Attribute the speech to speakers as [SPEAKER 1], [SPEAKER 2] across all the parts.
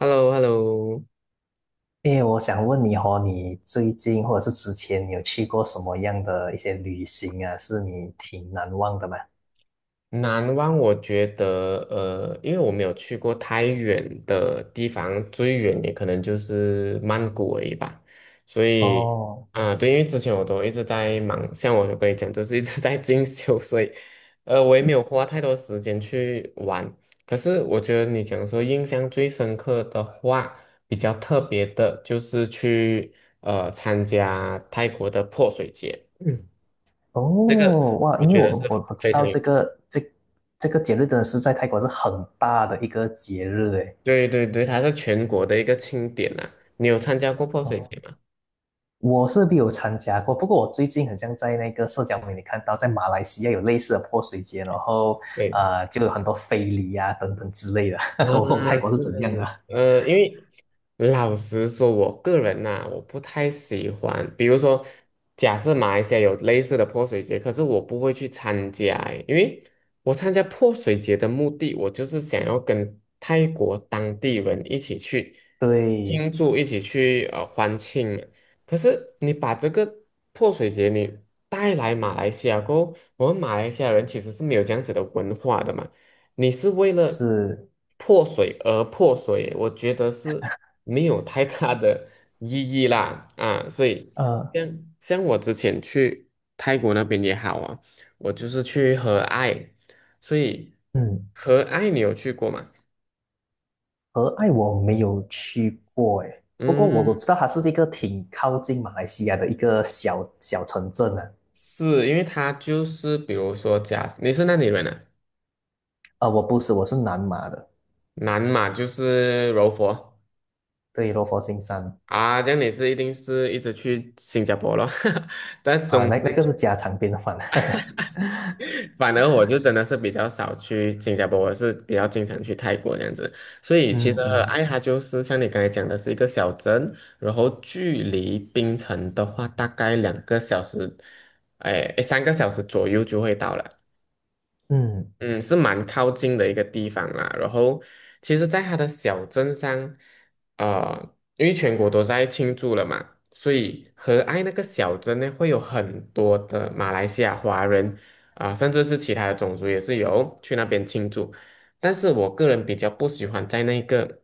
[SPEAKER 1] h e l l o h e l l o。
[SPEAKER 2] 因为我想问你哦，你最近或者是之前，你有去过什么样的一些旅行啊？是你挺难忘的吗？
[SPEAKER 1] 南湾我觉得，因为我没有去过太远的地方，最远也可能就是曼谷而已吧。所以，
[SPEAKER 2] 哦
[SPEAKER 1] 啊、对，因为之前我都一直在忙，像我有跟你讲，就是一直 在进修，所以，我也没有花太多时间去玩。可是我觉得你讲说印象最深刻的话，比较特别的就是去参加泰国的泼水节，
[SPEAKER 2] 哦哇！
[SPEAKER 1] 我
[SPEAKER 2] 因为
[SPEAKER 1] 觉
[SPEAKER 2] 我
[SPEAKER 1] 得是
[SPEAKER 2] 我我知
[SPEAKER 1] 非常
[SPEAKER 2] 道
[SPEAKER 1] 有。
[SPEAKER 2] 这个节日真的是在泰国是很大的一个节日诶。
[SPEAKER 1] 对对对，它是全国的一个庆典呐、你有参加过泼水
[SPEAKER 2] 哦，
[SPEAKER 1] 节吗？
[SPEAKER 2] 我是没有参加过，不过我最近很像在那个社交媒体看到，在马来西亚有类似的泼水节，然后
[SPEAKER 1] 对，
[SPEAKER 2] 就有很多非礼啊等等之类的，
[SPEAKER 1] 啊，
[SPEAKER 2] 我不懂泰国是怎样的。
[SPEAKER 1] 是，因为老实说，我个人呐、我不太喜欢。比如说，假设马来西亚有类似的泼水节，可是我不会去参加欸因为我参加泼水节的目的，我就是想要跟泰国当地人一起去
[SPEAKER 2] 对，
[SPEAKER 1] 庆祝，一起去欢庆嘛。可是你把这个泼水节你带来马来西亚过后，我们马来西亚人其实是没有这样子的文化的嘛。你是为了
[SPEAKER 2] 是，
[SPEAKER 1] 破水而破水，我觉得是没有太大的意义啦啊，所以
[SPEAKER 2] 呃。
[SPEAKER 1] 像我之前去泰国那边也好啊，我就是去和爱，所以
[SPEAKER 2] 嗯。
[SPEAKER 1] 和爱你有去过吗？
[SPEAKER 2] 和爱我没有去过诶，不过我
[SPEAKER 1] 嗯，
[SPEAKER 2] 知道它是一个挺靠近马来西亚的一个小小城镇啊。
[SPEAKER 1] 是因为他就是比如说假，你是哪里人啊？
[SPEAKER 2] 啊、我不是，我是南马的，
[SPEAKER 1] 南嘛就是柔佛
[SPEAKER 2] 对，罗佛新山。
[SPEAKER 1] 啊，这样你是一定是一直去新加坡咯，但
[SPEAKER 2] 啊、
[SPEAKER 1] 总
[SPEAKER 2] 那那
[SPEAKER 1] 之。
[SPEAKER 2] 个是家常便饭。
[SPEAKER 1] 反而我就真的是比较少去新加坡，我是比较经常去泰国这样子。所以其实
[SPEAKER 2] 嗯嗯
[SPEAKER 1] 爱哈就是像你刚才讲的是一个小镇，然后距离槟城的话大概2个小时，哎，诶3个小时左右就会到了。
[SPEAKER 2] 嗯，
[SPEAKER 1] 嗯，是蛮靠近的一个地方啦。然后，其实，在它的小镇上，啊，因为全国都在庆祝了嘛，所以和爱那个小镇呢，会有很多的马来西亚华人啊、甚至是其他的种族也是有去那边庆祝。但是我个人比较不喜欢在那个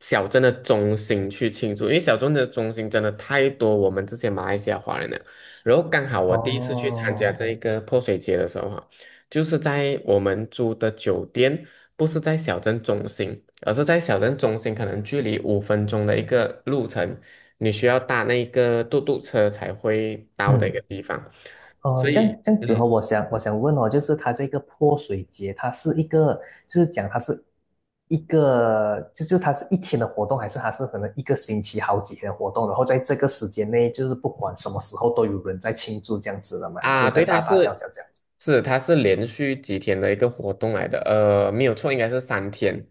[SPEAKER 1] 小镇的中心去庆祝，因为小镇的中心真的太多我们这些马来西亚华人了。然后刚好我第一次去参加
[SPEAKER 2] 哦，
[SPEAKER 1] 这一个泼水节的时候哈就是在我们住的酒店，不是在小镇中心，而是在小镇中心，可能距离5分钟的一个路程，你需要搭那个嘟嘟车才会到的一个
[SPEAKER 2] 嗯。
[SPEAKER 1] 地方。
[SPEAKER 2] 哦，
[SPEAKER 1] 所
[SPEAKER 2] 这
[SPEAKER 1] 以，
[SPEAKER 2] 样这样子哦，
[SPEAKER 1] 嗯，
[SPEAKER 2] 我想问哦，就是它这个泼水节，它是一个，就是讲它是一个，就它是一天的活动，还是它是可能一个星期好几天的活动，然后在这个时间内，就是不管什么时候都有人在庆祝这样子的嘛，就
[SPEAKER 1] 啊，
[SPEAKER 2] 是在
[SPEAKER 1] 对，它
[SPEAKER 2] 大大小
[SPEAKER 1] 是
[SPEAKER 2] 小这样子。
[SPEAKER 1] 是它是连续几天的一个活动来的，没有错，应该是三天，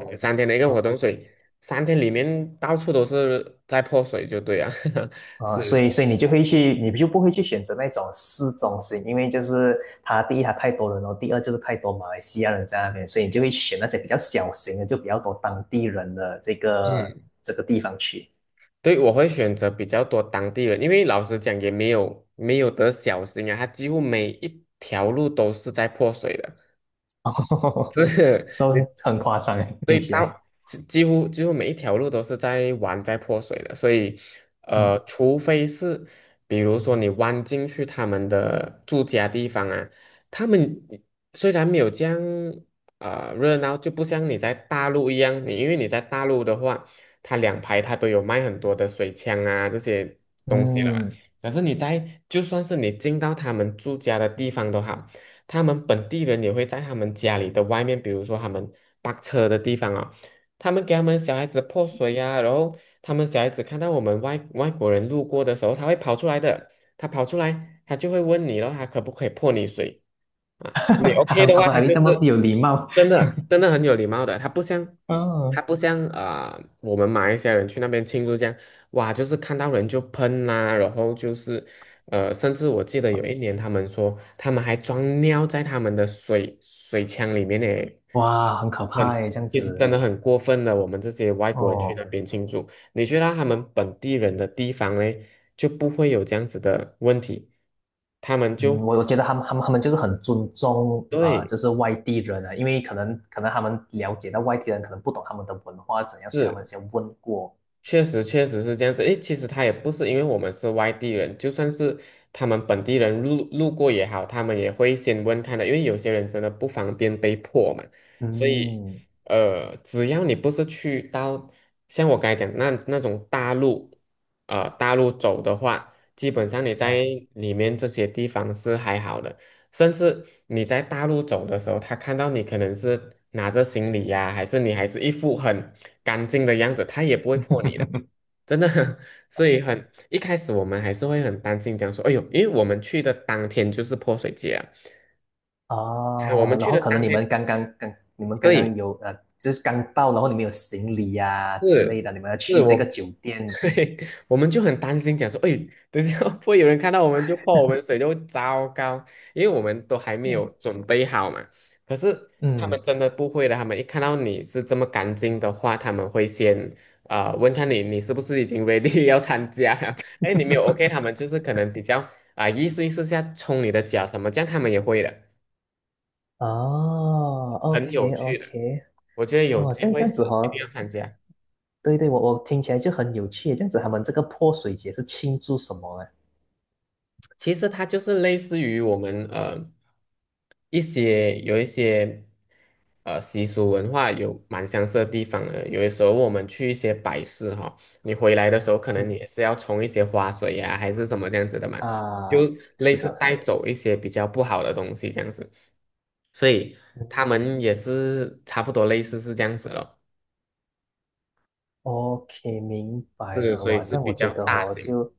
[SPEAKER 1] 嗯三天的一个活动，所以三天里面到处都是在泼水，就对啊，
[SPEAKER 2] 啊，所以
[SPEAKER 1] 是，
[SPEAKER 2] 所以你就会去，你就不会去选择那种市中心，因为就是它第一它太多人了，第二就是太多马来西亚人在那边，所以你就会选那些比较小型的，就比较多当地人的
[SPEAKER 1] 嗯。
[SPEAKER 2] 这个地方去。
[SPEAKER 1] 对，我会选择比较多当地人，因为老实讲也没有得小心啊，它几乎每一条路都是在破水的。
[SPEAKER 2] 哦，说 很夸张诶，
[SPEAKER 1] 所
[SPEAKER 2] 听
[SPEAKER 1] 以
[SPEAKER 2] 起
[SPEAKER 1] 到
[SPEAKER 2] 来。
[SPEAKER 1] 几乎每一条路都是在玩在泼水的，所以
[SPEAKER 2] 嗯
[SPEAKER 1] 除非是比如说你弯进去他们的住家地方啊，他们虽然没有这样热闹，就不像你在大陆一样，你因为你在大陆的话，它两排它都有卖很多的水枪啊这些东西了嘛，
[SPEAKER 2] 嗯，
[SPEAKER 1] 可是你在就算是你进到他们住家的地方都好。他们本地人也会在他们家里的外面，比如说他们泊车的地方啊，他们给他们小孩子泼水呀、然后他们小孩子看到我们外国人路过的时候，他会跑出来的，他跑出来，他就会问你了，他可不可以泼你水啊？你
[SPEAKER 2] 他
[SPEAKER 1] OK
[SPEAKER 2] 们
[SPEAKER 1] 的
[SPEAKER 2] 他
[SPEAKER 1] 话，他
[SPEAKER 2] 们
[SPEAKER 1] 就
[SPEAKER 2] 那么
[SPEAKER 1] 是
[SPEAKER 2] 有礼貌。
[SPEAKER 1] 真的真的很有礼貌的，他不像。他
[SPEAKER 2] 嗯，
[SPEAKER 1] 不像啊、我们马来西亚人去那边庆祝这样，哇，就是看到人就喷啦、然后就是甚至我记得有一年，他们说他们还装尿在他们的水枪里面呢，
[SPEAKER 2] 哇，很可怕
[SPEAKER 1] 很，
[SPEAKER 2] 诶，这样
[SPEAKER 1] 其实真
[SPEAKER 2] 子。
[SPEAKER 1] 的很过分的。我们这些外国人去
[SPEAKER 2] 哦。
[SPEAKER 1] 那边庆祝，你去到他们本地人的地方嘞，就不会有这样子的问题，他们
[SPEAKER 2] 嗯，
[SPEAKER 1] 就
[SPEAKER 2] 我觉得他们就是很尊重
[SPEAKER 1] 对
[SPEAKER 2] 就是外地人啊，因为可能他们了解到外地人可能不懂他们的文化怎样，所以他们先问过，
[SPEAKER 1] 确实，确实是这样子。诶，其实他也不是因为我们是外地人，就算是他们本地人路过也好，他们也会先问他的，因为有些人真的不方便被迫嘛。所以，
[SPEAKER 2] 嗯，
[SPEAKER 1] 只要你不是去到像我刚才讲那种大陆，大陆走的话，基本上你在
[SPEAKER 2] 哎
[SPEAKER 1] 里面这些地方是还好的。甚至你在大陆走的时候，他看到你可能是拿着行李呀、还是你还是一副很干净的样子，他也不会破你的，真的。所以很一开始我们还是会很担心，讲说，哎呦，因为我们去的当天就是泼水节啊，啊我
[SPEAKER 2] 哦，
[SPEAKER 1] 们
[SPEAKER 2] 然
[SPEAKER 1] 去
[SPEAKER 2] 后
[SPEAKER 1] 的
[SPEAKER 2] 可能
[SPEAKER 1] 当
[SPEAKER 2] 你们
[SPEAKER 1] 天，
[SPEAKER 2] 刚刚刚你们刚刚
[SPEAKER 1] 对，
[SPEAKER 2] 有就是刚到，然后你们有行李呀、之类
[SPEAKER 1] 是
[SPEAKER 2] 的，你们要
[SPEAKER 1] 是
[SPEAKER 2] 去这个
[SPEAKER 1] 我
[SPEAKER 2] 酒店，
[SPEAKER 1] 对，我们就很担心，讲说，哎，等一下会不会有人看到我们就泼我们水，就糟糕，因为我们都还没
[SPEAKER 2] 嗯
[SPEAKER 1] 有准备好嘛。可是他们
[SPEAKER 2] 嗯，
[SPEAKER 1] 真的不会的，他们一看到你是这么干净的话，他们会先啊问看你，你是不是已经 ready 要参加了？哎，你没有 OK，他们就是可能比较啊、意思意思下冲你的脚什么，这样他们也会的，
[SPEAKER 2] 哦
[SPEAKER 1] 很有
[SPEAKER 2] ，OK
[SPEAKER 1] 趣的，
[SPEAKER 2] OK，
[SPEAKER 1] 我觉得有
[SPEAKER 2] 哦，
[SPEAKER 1] 机
[SPEAKER 2] 这样这
[SPEAKER 1] 会
[SPEAKER 2] 样子
[SPEAKER 1] 是一定
[SPEAKER 2] 哦。
[SPEAKER 1] 要参加。
[SPEAKER 2] 对对，我我听起来就很有趣，这样子他们这个泼水节是庆祝什么呢？
[SPEAKER 1] 其实它就是类似于我们一些有一些习俗文化有蛮相似的地方的。有的时候我们去一些摆饰哈，你回来的时候可能你也是要冲一些花水呀、还是什么这样子的嘛，就
[SPEAKER 2] 啊，
[SPEAKER 1] 类
[SPEAKER 2] 是
[SPEAKER 1] 似
[SPEAKER 2] 的，是
[SPEAKER 1] 带
[SPEAKER 2] 的，
[SPEAKER 1] 走一些比较不好的东西这样子。所以他
[SPEAKER 2] 嗯
[SPEAKER 1] 们也是差不多类似是这样子咯，
[SPEAKER 2] ，OK，明白
[SPEAKER 1] 是
[SPEAKER 2] 了。
[SPEAKER 1] 所以
[SPEAKER 2] 哇，
[SPEAKER 1] 是
[SPEAKER 2] 这样我
[SPEAKER 1] 比
[SPEAKER 2] 觉
[SPEAKER 1] 较
[SPEAKER 2] 得
[SPEAKER 1] 大
[SPEAKER 2] 哦，
[SPEAKER 1] 型，
[SPEAKER 2] 就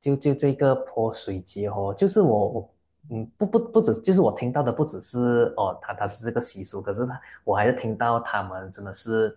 [SPEAKER 2] 就就这个泼水节哦，就是我我嗯，不止，就是我听到的不只是哦，他他是这个习俗，可是他我还是听到他们真的是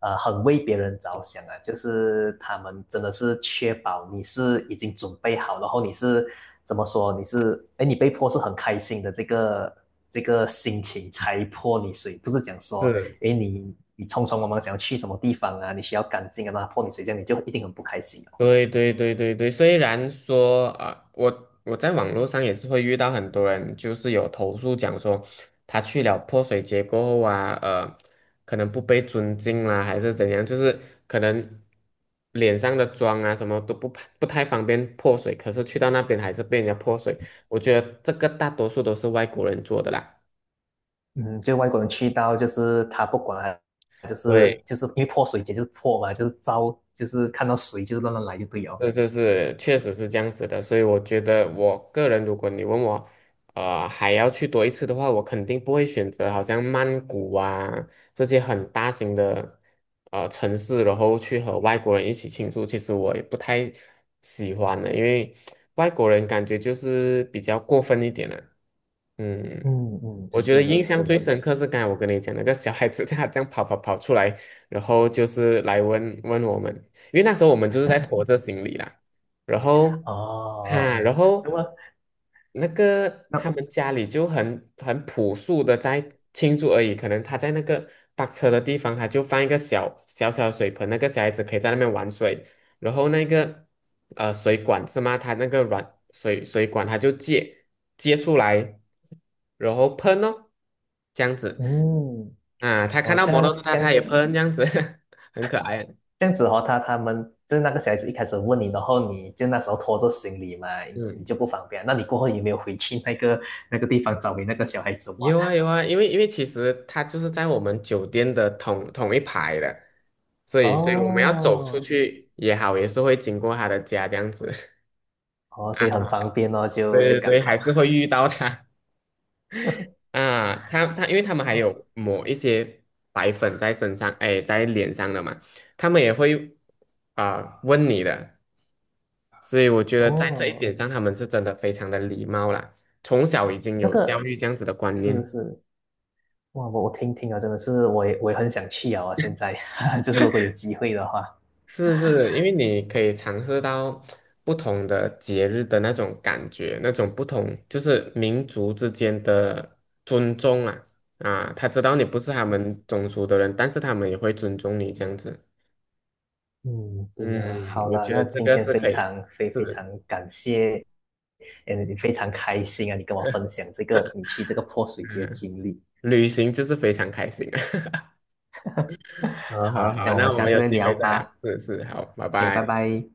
[SPEAKER 2] 很为别人着想啊，就是他们真的是确保你是已经准备好，然后你是怎么说，你是你被泼是很开心的这个心情才泼你水，不是讲说。
[SPEAKER 1] 是
[SPEAKER 2] 因为你匆匆忙忙想要去什么地方啊，你需要干净啊，那他破你水这样你就一定很不开心哦。
[SPEAKER 1] 对对对对对，虽然说啊、我我在网络上也是会遇到很多人，就是有投诉讲说，他去了泼水节过后啊，可能不被尊敬啦，还是怎样，就是可能脸上的妆啊什么都不太方便泼水，可是去到那边还是被人家泼水，我觉得这个大多数都是外国人做的啦。
[SPEAKER 2] 嗯，就外国人去到就是他不管啊，就是
[SPEAKER 1] 对。
[SPEAKER 2] 就是因为泼水节就是泼嘛，就是招就是看到水就乱乱来就对哦。
[SPEAKER 1] 是是是，确实是这样子的，所以我觉得我个人，如果你问我，还要去多一次的话，我肯定不会选择好像曼谷啊这些很大型的城市，然后去和外国人一起庆祝。其实我也不太喜欢的，因为外国人感觉就是比较过分一点了、嗯。
[SPEAKER 2] 嗯嗯，
[SPEAKER 1] 我觉得
[SPEAKER 2] 是的，
[SPEAKER 1] 印象
[SPEAKER 2] 是
[SPEAKER 1] 最
[SPEAKER 2] 的，
[SPEAKER 1] 深刻是刚才我跟你讲那个小孩子，他这样跑出来，然后就是来问问我们，因为那时候我们就是在拖着行李啦，然后啊，
[SPEAKER 2] 哦，
[SPEAKER 1] 然
[SPEAKER 2] 那
[SPEAKER 1] 后
[SPEAKER 2] 么
[SPEAKER 1] 那个他
[SPEAKER 2] 那
[SPEAKER 1] 们家里就很朴素的在庆祝而已，可能他在那个搭车的地方，他就放一个小小的水盆，那个小孩子可以在那边玩水，然后那个水管是吗？他那个软水管他就接出来。然后喷哦，这样子
[SPEAKER 2] 嗯，
[SPEAKER 1] 啊，他看
[SPEAKER 2] 哦，
[SPEAKER 1] 到摩托 d 他他也喷这样子，很可爱。
[SPEAKER 2] 这样子哦，他他们就是那个小孩子一开始问你，然后你就那时候拖着行李嘛，你就
[SPEAKER 1] 嗯，
[SPEAKER 2] 不方便。那你过后有没有回去那个地方找你那个小孩子玩？
[SPEAKER 1] 有啊有啊，因为其实他就是在我们酒店的同一排的，所以我们要走出
[SPEAKER 2] 哦，
[SPEAKER 1] 去也好，也是会经过他的家这样子
[SPEAKER 2] 哦，
[SPEAKER 1] 啊，
[SPEAKER 2] 所以很方便哦，就就
[SPEAKER 1] 对对
[SPEAKER 2] 刚
[SPEAKER 1] 对，还
[SPEAKER 2] 好。
[SPEAKER 1] 是会遇到他啊，他因为他们还有
[SPEAKER 2] 哦，
[SPEAKER 1] 抹一些白粉在身上，哎，在脸上的嘛，他们也会啊、问你的，所以我觉得在这一
[SPEAKER 2] 哦，
[SPEAKER 1] 点上，他们是真的非常的礼貌啦，从小已经
[SPEAKER 2] 那
[SPEAKER 1] 有教
[SPEAKER 2] 个。
[SPEAKER 1] 育这样子的观
[SPEAKER 2] 是
[SPEAKER 1] 念。
[SPEAKER 2] 是，哇，我听听啊，真的是，我也很想去啊，现在 就是如果有机会的话。
[SPEAKER 1] 是是，因为你可以尝试到不同的节日的那种感觉，那种不同就是民族之间的尊重啊啊，他知道你不是他
[SPEAKER 2] 嗯
[SPEAKER 1] 们种族的人，但是他们也会尊重你这样子。
[SPEAKER 2] 嗯，对
[SPEAKER 1] 嗯，
[SPEAKER 2] 呀，好
[SPEAKER 1] 我
[SPEAKER 2] 啦，
[SPEAKER 1] 觉得
[SPEAKER 2] 那
[SPEAKER 1] 这
[SPEAKER 2] 今
[SPEAKER 1] 个
[SPEAKER 2] 天
[SPEAKER 1] 是可以，
[SPEAKER 2] 非
[SPEAKER 1] 是，
[SPEAKER 2] 常感谢，嗯，非常开心啊，你跟我分享这个你去这个泼水节的
[SPEAKER 1] 嗯，
[SPEAKER 2] 经历。
[SPEAKER 1] 旅行就是非常开心啊。好
[SPEAKER 2] 好，
[SPEAKER 1] 好
[SPEAKER 2] 这
[SPEAKER 1] 好，
[SPEAKER 2] 样我们
[SPEAKER 1] 那我
[SPEAKER 2] 下
[SPEAKER 1] 们
[SPEAKER 2] 次
[SPEAKER 1] 有
[SPEAKER 2] 再
[SPEAKER 1] 机
[SPEAKER 2] 聊
[SPEAKER 1] 会再聊，
[SPEAKER 2] 吧。
[SPEAKER 1] 是是，好，拜
[SPEAKER 2] OK，拜
[SPEAKER 1] 拜。
[SPEAKER 2] 拜。